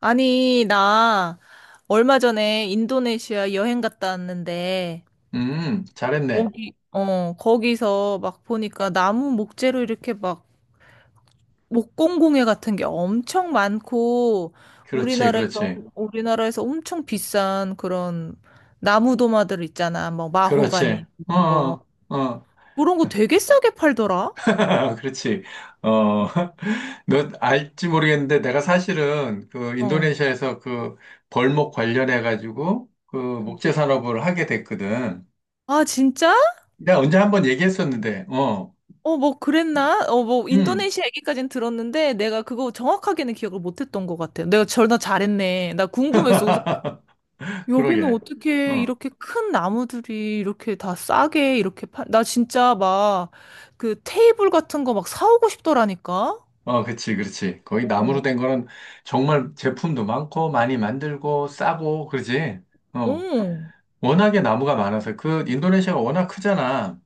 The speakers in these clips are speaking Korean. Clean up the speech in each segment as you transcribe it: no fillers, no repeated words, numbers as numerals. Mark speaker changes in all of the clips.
Speaker 1: 아니, 나 얼마 전에 인도네시아 여행 갔다 왔는데,
Speaker 2: 잘했네.
Speaker 1: 거기서 막 보니까 나무 목재로 이렇게 막 목공공예 같은 게 엄청 많고,
Speaker 2: 그렇지,
Speaker 1: 우리나라에서,
Speaker 2: 그렇지,
Speaker 1: 우리나라에서 엄청 비싼 그런 나무 도마들 있잖아. 뭐, 마호가니,
Speaker 2: 그렇지. 어,
Speaker 1: 이런 거.
Speaker 2: 어, 어.
Speaker 1: 그런 거 되게 싸게 팔더라?
Speaker 2: 그렇지. 어, 너 알지 모르겠는데 내가 사실은 그
Speaker 1: 어.
Speaker 2: 인도네시아에서 그 벌목 관련해 가지고 그
Speaker 1: 응.
Speaker 2: 목재 산업을 하게 됐거든.
Speaker 1: 아, 진짜?
Speaker 2: 내가 언제 한 번 얘기했었는데, 어,
Speaker 1: 어, 뭐 그랬나? 어, 뭐
Speaker 2: 음,
Speaker 1: 인도네시아 얘기까지는 들었는데 내가 그거 정확하게는 기억을 못했던 것 같아. 내가 전화 잘했네. 나 궁금했어. 그래서 여기는
Speaker 2: 그러게.
Speaker 1: 어떻게
Speaker 2: 어,
Speaker 1: 이렇게 큰 나무들이 이렇게 다 싸게 이렇게 나 진짜 막 그 테이블 같은 거 막 사오고 싶더라니까.
Speaker 2: 어, 그렇지, 그렇지. 거기 나무로
Speaker 1: 어,
Speaker 2: 된 거는 정말 제품도 많고 많이 만들고 싸고 그러지. 어.
Speaker 1: 어,
Speaker 2: 워낙에 나무가 많아서 그 인도네시아가 워낙 크잖아.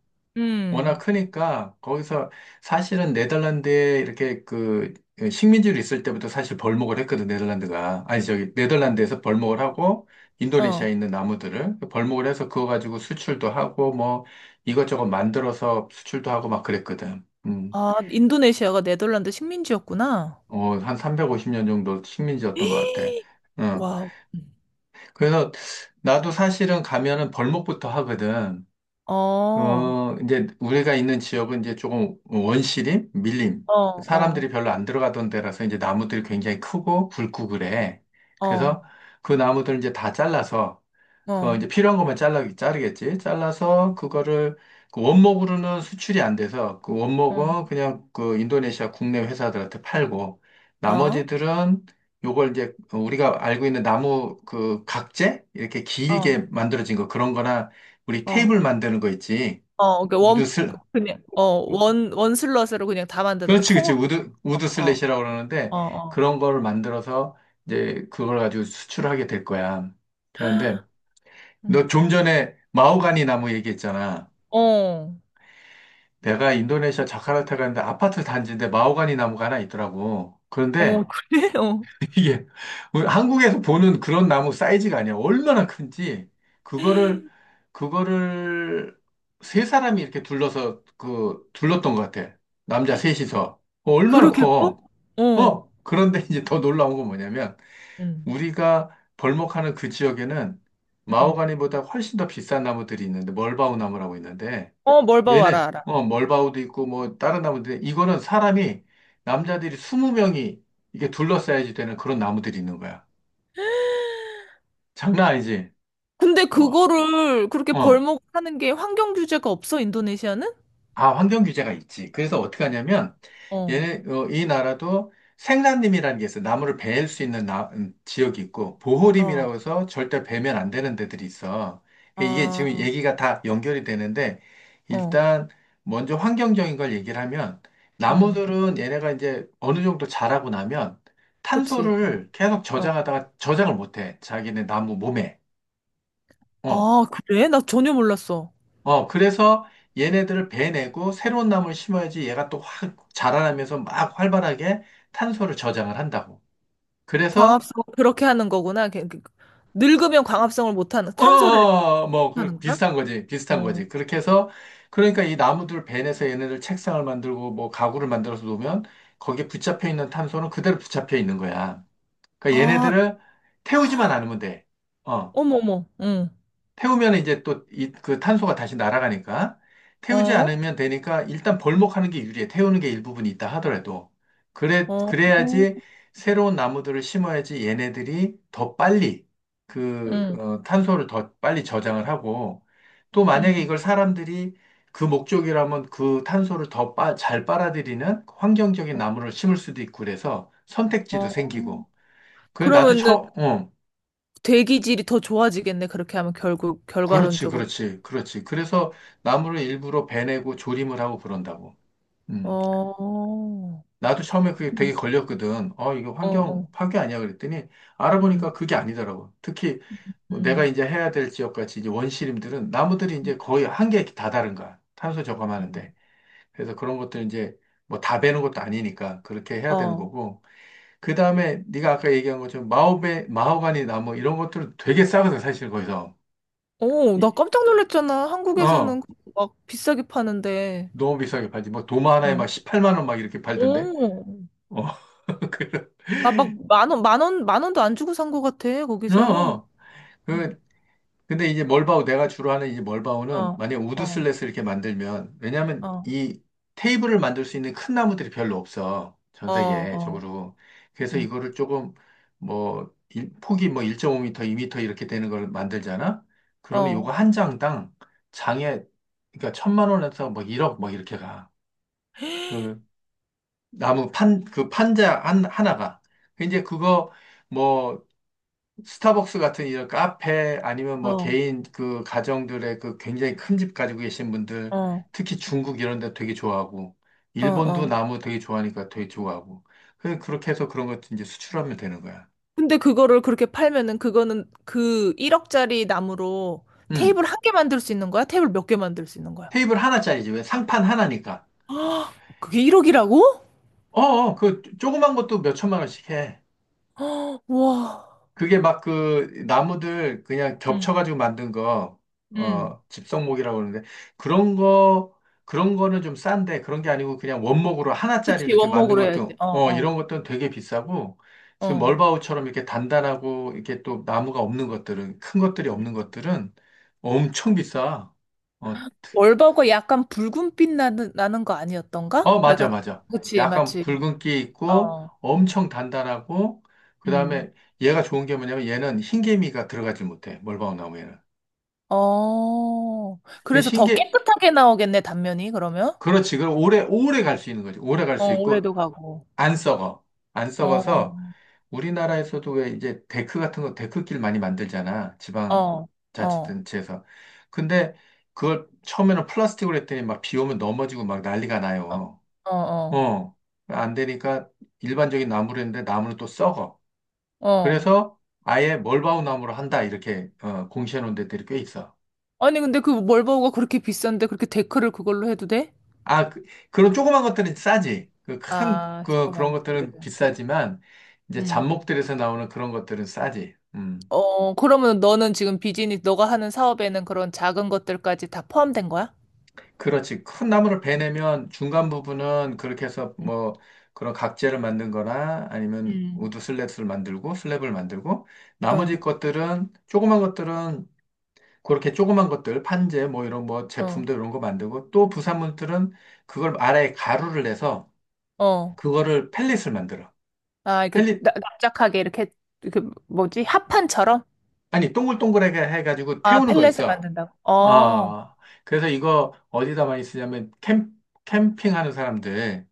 Speaker 2: 워낙
Speaker 1: 음,
Speaker 2: 크니까 거기서 사실은 네덜란드에 이렇게 그 식민지로 있을 때부터 사실 벌목을 했거든. 네덜란드가 아니 저기 네덜란드에서 벌목을 하고
Speaker 1: 어.
Speaker 2: 인도네시아에 있는 나무들을 벌목을 해서 그거 가지고 수출도 하고, 뭐 이것저것 만들어서 수출도 하고 막 그랬거든.
Speaker 1: 아, 인도네시아가 네덜란드 식민지였구나.
Speaker 2: 어, 한 350년 정도 식민지였던 것 같아. 어,
Speaker 1: 와,
Speaker 2: 그래서 나도 사실은 가면은 벌목부터 하거든.
Speaker 1: 어,
Speaker 2: 그,
Speaker 1: 어,
Speaker 2: 이제 우리가 있는 지역은 이제 조금 원시림, 밀림.
Speaker 1: 어,
Speaker 2: 사람들이 별로 안 들어가던 데라서 이제 나무들이 굉장히 크고 굵고 그래.
Speaker 1: 어, 어,
Speaker 2: 그래서 그 나무들 이제 다 잘라서 그 이제
Speaker 1: 어,
Speaker 2: 필요한 것만 잘라 자르겠지. 잘라서 그거를 그 원목으로는 수출이 안 돼서 그 원목은 그냥 그 인도네시아 국내 회사들한테 팔고,
Speaker 1: 어.
Speaker 2: 나머지들은 요걸 이제 우리가 알고 있는 나무 그 각재 이렇게
Speaker 1: 어.
Speaker 2: 길게 만들어진 거 그런 거나 우리
Speaker 1: 어,
Speaker 2: 테이블 만드는 거 있지.
Speaker 1: 어, 그
Speaker 2: 우드
Speaker 1: 원,
Speaker 2: 슬
Speaker 1: 그냥, 원 슬롯으로 그냥 다 만드는 거
Speaker 2: 그렇지, 그렇지.
Speaker 1: 통으로,
Speaker 2: 우드
Speaker 1: 어,
Speaker 2: 슬랫이라고 그러는데
Speaker 1: 어, 어,
Speaker 2: 그런 거를 만들어서 이제 그걸 가지고 수출하게 될 거야. 그런데 너
Speaker 1: 음.
Speaker 2: 좀 전에 마호가니 나무 얘기했잖아.
Speaker 1: 어,
Speaker 2: 내가 인도네시아 자카르타 갔는데 아파트 단지인데 마호가니 나무가 하나 있더라고.
Speaker 1: 어,
Speaker 2: 그런데
Speaker 1: 그래? 어.
Speaker 2: 이게 우리 한국에서 보는 그런 나무 사이즈가 아니야. 얼마나 큰지 그거를 그거를 세 사람이 이렇게 둘러서 그 둘렀던 것 같아. 남자 셋이서, 어, 얼마나
Speaker 1: 그렇게 커?
Speaker 2: 커.
Speaker 1: 어,
Speaker 2: 어, 그런데 이제 더 놀라운 건 뭐냐면
Speaker 1: 음,
Speaker 2: 우리가 벌목하는 그 지역에는
Speaker 1: 음.
Speaker 2: 마호가니보다 훨씬 더 비싼 나무들이 있는데 멀바우 나무라고 있는데
Speaker 1: 어, 뭘 봐, 와라,
Speaker 2: 얘네,
Speaker 1: 알아.
Speaker 2: 어, 멀바우도 있고, 뭐, 다른 나무들, 남자들이 20명이 이게 둘러싸야지 되는 그런 나무들이 있는 거야. 장난 아니지?
Speaker 1: 근데
Speaker 2: 와,
Speaker 1: 그거를 그렇게
Speaker 2: 어.
Speaker 1: 벌목 하는 게 환경 규제가 없어, 인도네시아는?
Speaker 2: 아, 환경 규제가 있지. 그래서 어떻게 하냐면,
Speaker 1: 어,
Speaker 2: 얘네, 어, 이 나라도 생산림이라는 게 있어. 나무를 베일 수 있는 지역이 있고,
Speaker 1: 어,
Speaker 2: 보호림이라고 해서 절대 베면 안 되는 데들이 있어. 그러니까 이게 지금
Speaker 1: 아,
Speaker 2: 얘기가 다 연결이 되는데,
Speaker 1: 어,
Speaker 2: 일단 먼저 환경적인 걸 얘기를 하면,
Speaker 1: 응,
Speaker 2: 나무들은 얘네가 이제 어느 정도 자라고 나면
Speaker 1: 그치. 어,
Speaker 2: 탄소를 계속
Speaker 1: 어.
Speaker 2: 저장하다가 저장을 못 해. 자기네 나무 몸에. 어.
Speaker 1: 아, 그래? 나 전혀 몰랐어.
Speaker 2: 어, 그래서 얘네들을 베내고 새로운 나무를 심어야지 얘가 또 확 자라나면서 막 활발하게 탄소를 저장을 한다고. 그래서,
Speaker 1: 광합성 그렇게 하는 거구나. 늙으면 광합성을 못하는,
Speaker 2: 어, 어,
Speaker 1: 탄소를 이렇게
Speaker 2: 어, 뭐, 그
Speaker 1: 하는 거야?
Speaker 2: 비슷한 거지. 비슷한 거지.
Speaker 1: 어.
Speaker 2: 그렇게 해서, 그러니까 이 나무들 베내서 얘네들 책상을 만들고 뭐 가구를 만들어서 놓으면 거기에 붙잡혀 있는 탄소는 그대로 붙잡혀 있는 거야. 그러니까
Speaker 1: 아,
Speaker 2: 얘네들을 태우지만 않으면 돼. 어.
Speaker 1: 어머머, 응.
Speaker 2: 태우면 이제 또 그 탄소가 다시 날아가니까 태우지
Speaker 1: 어?
Speaker 2: 않으면 되니까 일단 벌목하는 게 유리해. 태우는 게 일부분이 있다 하더라도. 그래,
Speaker 1: 어,
Speaker 2: 그래야지 새로운 나무들을 심어야지 얘네들이 더 빨리 그
Speaker 1: 응,
Speaker 2: 어, 탄소를 더 빨리 저장을 하고 또 만약에
Speaker 1: 응.
Speaker 2: 이걸 사람들이 그 목적이라면 그 탄소를 더 잘 빨아들이는 환경적인 나무를 심을 수도 있고 그래서 선택지도
Speaker 1: 어.
Speaker 2: 생기고. 그래, 나도
Speaker 1: 그러면은
Speaker 2: 어,
Speaker 1: 대기질이 더 좋아지겠네. 그렇게 하면 결국,
Speaker 2: 그렇지,
Speaker 1: 결과론적으로.
Speaker 2: 그렇지, 그렇지. 그래서 나무를 일부러 베내고 조림을 하고 그런다고. 음.
Speaker 1: 어.
Speaker 2: 나도 처음에 그게 되게
Speaker 1: 음.
Speaker 2: 걸렸거든. 어, 이거
Speaker 1: 어,
Speaker 2: 환경
Speaker 1: 어.
Speaker 2: 파괴 아니야? 그랬더니 알아보니까
Speaker 1: 음,
Speaker 2: 그게 아니더라고. 특히 뭐 내가
Speaker 1: 음.
Speaker 2: 이제 해야 될 지역같이 이제 원시림들은 나무들이 이제 거의 한계에 다다른 거야. 탄소
Speaker 1: 음.
Speaker 2: 저감하는데. 그래서 그런 것들 이제 뭐 다 베는 것도 아니니까 그렇게 해야 되는
Speaker 1: 어.
Speaker 2: 거고. 그 다음에 네가 아까 얘기한 것처럼 마호가니 나무 이런 것들은 되게 싸거든, 사실 거기서.
Speaker 1: 오, 나
Speaker 2: 이-
Speaker 1: 깜짝 놀랐잖아.
Speaker 2: 어.
Speaker 1: 한국에서는 그거 막 비싸게 파는데.
Speaker 2: 너무 비싸게 팔지. 뭐 도마 하나에
Speaker 1: 어.
Speaker 2: 막 18만 원 막 이렇게 팔던데.
Speaker 1: 오.
Speaker 2: 어, 그런.
Speaker 1: 나 막 만 원, 만 원, 만 원도 안 주고 산 거 같아,
Speaker 2: 어,
Speaker 1: 거기서.
Speaker 2: 어.
Speaker 1: 응.
Speaker 2: 그, 근데 이제 멀바우, 내가 주로 하는 이 멀바우는
Speaker 1: 어,
Speaker 2: 만약
Speaker 1: 어,
Speaker 2: 우드슬랫을 이렇게 만들면, 왜냐면
Speaker 1: 어,
Speaker 2: 이 테이블을 만들 수 있는 큰 나무들이 별로 없어. 전
Speaker 1: 어, 어.
Speaker 2: 세계적으로. 그래서
Speaker 1: 응.
Speaker 2: 이거를 조금 뭐, 폭이 뭐 1.5m, 2m 이렇게 되는 걸 만들잖아? 그러면
Speaker 1: 어.
Speaker 2: 요거 한 장당 장에, 그러니까 천만 원에서 뭐 1억 뭐 이렇게 가. 그, 나무 판, 그 판자 하나가. 그 이제 그거 뭐 스타벅스 같은 이런 카페 아니면 뭐
Speaker 1: 어,
Speaker 2: 개인 그 가정들의 그 굉장히 큰 집 가지고 계신 분들,
Speaker 1: 어,
Speaker 2: 특히 중국 이런 데 되게 좋아하고
Speaker 1: 어,
Speaker 2: 일본도
Speaker 1: 어.
Speaker 2: 나무 되게 좋아하니까 되게 좋아하고. 그렇게 해서 그런 것도 이제 수출하면 되는 거야.
Speaker 1: 근데 그거를 그렇게 팔면은 그거는 그 1억짜리 나무로
Speaker 2: 음.
Speaker 1: 테이블 한 개 만들 수 있는 거야? 테이블 몇 개 만들 수 있는 거야?
Speaker 2: 테이블 하나짜리지. 왜 상판 하나니까.
Speaker 1: 아, 그게 1억이라고?
Speaker 2: 어, 어, 그 조그만 것도 몇 천만 원씩 해.
Speaker 1: 와.
Speaker 2: 그게 막 그 나무들 그냥
Speaker 1: 응,
Speaker 2: 겹쳐가지고 만든 거,
Speaker 1: 응.
Speaker 2: 어, 집성목이라고 그러는데, 그런 거, 그런 거는 좀 싼데, 그런 게 아니고 그냥 원목으로 하나짜리
Speaker 1: 그치,
Speaker 2: 이렇게 만든
Speaker 1: 원목으로 해야지.
Speaker 2: 것도,
Speaker 1: 어,
Speaker 2: 어,
Speaker 1: 어,
Speaker 2: 이런 것들은 되게 비싸고, 지금
Speaker 1: 어.
Speaker 2: 멀바우처럼 이렇게 단단하고, 이렇게 또 나무가 없는 것들은, 큰 것들이 없는 것들은 엄청 비싸. 어,
Speaker 1: 월버거 약간 붉은빛 나는 거
Speaker 2: 어,
Speaker 1: 아니었던가?
Speaker 2: 맞아,
Speaker 1: 내가.
Speaker 2: 맞아.
Speaker 1: 그치,
Speaker 2: 약간
Speaker 1: 맞지.
Speaker 2: 붉은기 있고,
Speaker 1: 어,
Speaker 2: 엄청 단단하고, 그
Speaker 1: 음.
Speaker 2: 다음에 얘가 좋은 게 뭐냐면 얘는 흰개미가 들어가질 못해, 멀바우 나무에는.
Speaker 1: 어.
Speaker 2: 그
Speaker 1: 그래서 더
Speaker 2: 흰게,
Speaker 1: 깨끗하게 나오겠네, 단면이, 그러면?
Speaker 2: 그렇지. 그럼 오래 갈 수 있는 거지. 오래 갈 수
Speaker 1: 어,
Speaker 2: 있고,
Speaker 1: 올해도 가고.
Speaker 2: 안 썩어. 안
Speaker 1: 어,
Speaker 2: 썩어서, 우리나라에서도 왜 이제 데크 같은 거, 데크길 많이 만들잖아.
Speaker 1: 어, 어.
Speaker 2: 지방자치단체에서. 근데 그걸 처음에는 플라스틱으로 했더니 막 비 오면 넘어지고 막 난리가
Speaker 1: 어,
Speaker 2: 나요.
Speaker 1: 어,
Speaker 2: 어. 안 되니까 일반적인 나무로 했는데 나무는 또 썩어.
Speaker 1: 어.
Speaker 2: 그래서 아예 멀바우 나무로 한다. 이렇게, 어, 공시해 놓은 데들이 꽤 있어.
Speaker 1: 아니, 근데 그 멀버우가 그렇게 비싼데 그렇게 데크를 그걸로 해도 돼?
Speaker 2: 아, 그, 그런 조그만 것들은 싸지. 그
Speaker 1: 아, 조그만
Speaker 2: 그런
Speaker 1: 것들을.
Speaker 2: 것들은 비싸지만, 이제
Speaker 1: 음.
Speaker 2: 잡목들에서 나오는 그런 것들은 싸지. 음.
Speaker 1: 어, 그러면 너는 지금 비즈니스, 너가 하는 사업에는 그런 작은 것들까지 다 포함된 거야?
Speaker 2: 그렇지. 큰 나무를 베내면 중간 부분은 그렇게 해서
Speaker 1: 응.
Speaker 2: 뭐, 그런 각재를 만든 거나 아니면
Speaker 1: 음.
Speaker 2: 우드 슬랩을 만들고, 나머지
Speaker 1: 어,
Speaker 2: 것들은, 조그만 것들은 그렇게 조그만 것들, 판재, 뭐 이런 뭐
Speaker 1: 어,
Speaker 2: 제품도 이런 거 만들고, 또 부산물들은 그걸 아래에 가루를 내서,
Speaker 1: 어.
Speaker 2: 그거를 펠릿을 만들어.
Speaker 1: 아, 이렇게 납작하게 이렇게, 그 뭐지? 합판처럼?
Speaker 2: 아니, 동글동글하게 해가지고
Speaker 1: 아,
Speaker 2: 태우는 거
Speaker 1: 펠렛을
Speaker 2: 있어.
Speaker 1: 만든다고. 어.
Speaker 2: 어, 그래서 이거 어디다 많이 쓰냐면, 캠핑하는 사람들,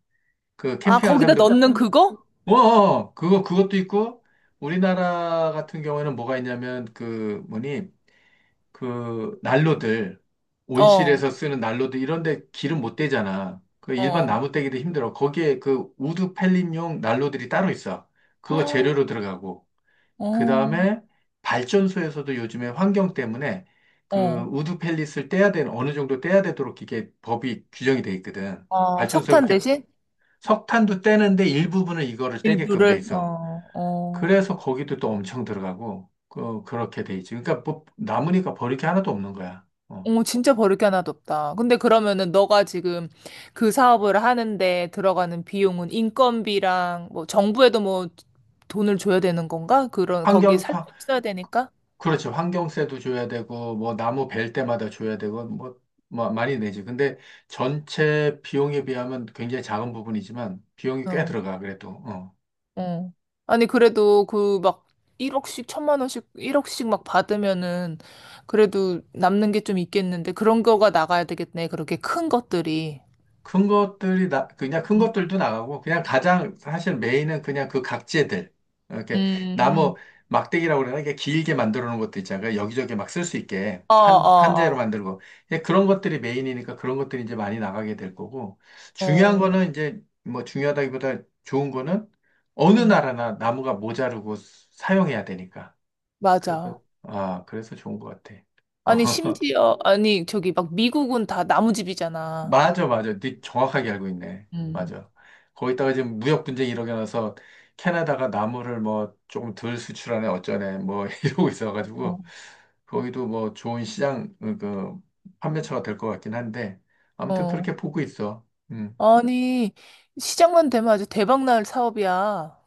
Speaker 2: 그
Speaker 1: 아,
Speaker 2: 캠핑하는
Speaker 1: 거기다
Speaker 2: 사람들,
Speaker 1: 넣는 그거?
Speaker 2: 어, 어, 어. 그거, 그것도 있고, 우리나라 같은 경우에는 뭐가 있냐면, 그, 뭐니, 그, 난로들, 온실에서
Speaker 1: 어,
Speaker 2: 쓰는 난로들, 이런데 기름 못 대잖아. 그 일반
Speaker 1: 어.
Speaker 2: 나무 떼기도 힘들어. 거기에 그 우드 펠린용 난로들이 따로 있어. 그거
Speaker 1: 헉,
Speaker 2: 재료로 들어가고. 그
Speaker 1: 어,
Speaker 2: 다음에 발전소에서도 요즘에 환경 때문에 그
Speaker 1: 어.
Speaker 2: 우드 펠릿을 떼야 되는 어느 정도 떼야 되도록 이게 법이 규정이 돼 있거든.
Speaker 1: 어,
Speaker 2: 발전소를
Speaker 1: 석탄
Speaker 2: 그렇게
Speaker 1: 대신?
Speaker 2: 석탄도 떼는데 일부분은 이거를 떼게끔 돼
Speaker 1: 일부를
Speaker 2: 있어.
Speaker 1: 어, 어.
Speaker 2: 그래서 거기도 또 엄청 들어가고 그 그렇게 돼 있지. 그러니까 뭐 남으니까 버릴 게 하나도 없는 거야. 어.
Speaker 1: 어, 진짜 버릴 게 하나도 없다. 근데 그러면은 너가 지금 그 사업을 하는데 들어가는 비용은 인건비랑 뭐 정부에도 뭐 돈을 줘야 되는 건가? 그런 거기
Speaker 2: 환경
Speaker 1: 살짝 써야 되니까.
Speaker 2: 그렇지. 환경세도 줘야 되고, 뭐, 나무 벨 때마다 줘야 되고, 뭐, 뭐, 많이 내지. 근데 전체 비용에 비하면 굉장히 작은 부분이지만, 비용이 꽤
Speaker 1: 어,
Speaker 2: 들어가, 그래도. 어.
Speaker 1: 어. 아니 그래도 그 막 1억씩 천만 원씩 1억씩 막 받으면은 그래도 남는 게 좀 있겠는데 그런 거가 나가야 되겠네. 그렇게 큰 것들이.
Speaker 2: 그냥 큰
Speaker 1: 음.
Speaker 2: 것들도 나가고 그냥 가장 사실 메인은 그냥 그 각재들 이렇게 나무
Speaker 1: 음.
Speaker 2: 막대기라고 그러나 이게 길게 만들어 놓은 것도 있잖아요. 여기저기 막 쓸 수 있게
Speaker 1: 어,
Speaker 2: 판 판재로
Speaker 1: 어,
Speaker 2: 만들고, 예, 그런 것들이 메인이니까 그런 것들이 이제 많이 나가게 될 거고,
Speaker 1: 어.
Speaker 2: 중요한
Speaker 1: 어.
Speaker 2: 거는 이제 뭐 중요하다기보다 좋은 거는 어느
Speaker 1: 응.
Speaker 2: 나라나 나무가 모자르고 사용해야 되니까 그래서
Speaker 1: 맞아.
Speaker 2: 아 그래서 좋은 것 같아.
Speaker 1: 아니, 심지어, 아니, 저기 막 미국은 다 나무집이잖아.
Speaker 2: 맞아, 맞아. 네 정확하게 알고 있네.
Speaker 1: 음.
Speaker 2: 맞아. 거기다가 지금 무역 분쟁이 일어나서 캐나다가 나무를 뭐 조금 덜 수출하네, 어쩌네, 뭐 이러고 있어가지고
Speaker 1: 어.
Speaker 2: 거기도 뭐 좋은 시장, 어, 그, 판매처가 될 것 같긴 한데 아무튼
Speaker 1: 어.
Speaker 2: 그렇게 보고 있어. 음.
Speaker 1: 아니, 시작만 되면 아주 대박 날 사업이야.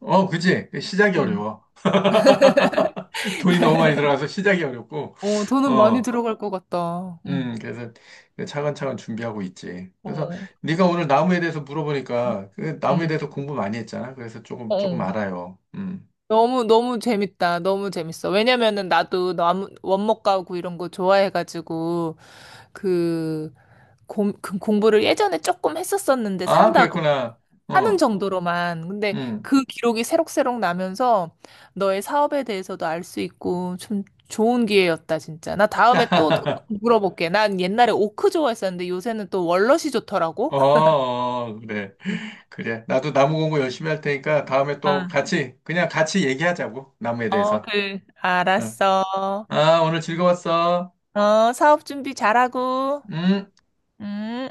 Speaker 2: 어, 그지? 그 시작이
Speaker 1: 음.
Speaker 2: 어려워. 돈이 너무 많이 들어가서 시작이 어렵고,
Speaker 1: 어, 돈은 많이
Speaker 2: 어.
Speaker 1: 들어갈 것 같다. 응.
Speaker 2: 그래서 그 차근차근 준비하고 있지. 그래서
Speaker 1: 어.
Speaker 2: 네가 오늘 나무에 대해서 물어보니까 그 나무에
Speaker 1: 음.
Speaker 2: 대해서 공부 많이 했잖아. 그래서 조금 조금
Speaker 1: 어.
Speaker 2: 알아요. 음.
Speaker 1: 너무, 너무 재밌다. 너무 재밌어. 왜냐면은 나도 나무, 원목 가구 이런 거 좋아해가지고, 그, 그 공부를 예전에 조금 했었었는데
Speaker 2: 아,
Speaker 1: 산다고.
Speaker 2: 그랬구나.
Speaker 1: 하는
Speaker 2: 어,
Speaker 1: 정도로만. 근데
Speaker 2: 음.
Speaker 1: 그 기록이 새록새록 나면서 너의 사업에 대해서도 알 수 있고 참 좋은 기회였다, 진짜. 나 다음에 또 더 물어볼게. 난 옛날에 오크 좋아했었는데 요새는 또 월넛이
Speaker 2: 어,
Speaker 1: 좋더라고.
Speaker 2: 어, 그래.
Speaker 1: 응.
Speaker 2: 그래. 나도 나무 공부 열심히 할 테니까 다음에
Speaker 1: 어,
Speaker 2: 또 같이 그냥 같이 얘기하자고. 나무에
Speaker 1: 어,
Speaker 2: 대해서.
Speaker 1: 그,
Speaker 2: 응.
Speaker 1: 알았어.
Speaker 2: 아, 오늘 즐거웠어.
Speaker 1: 어, 사업 준비 잘하고.
Speaker 2: 음.
Speaker 1: 음.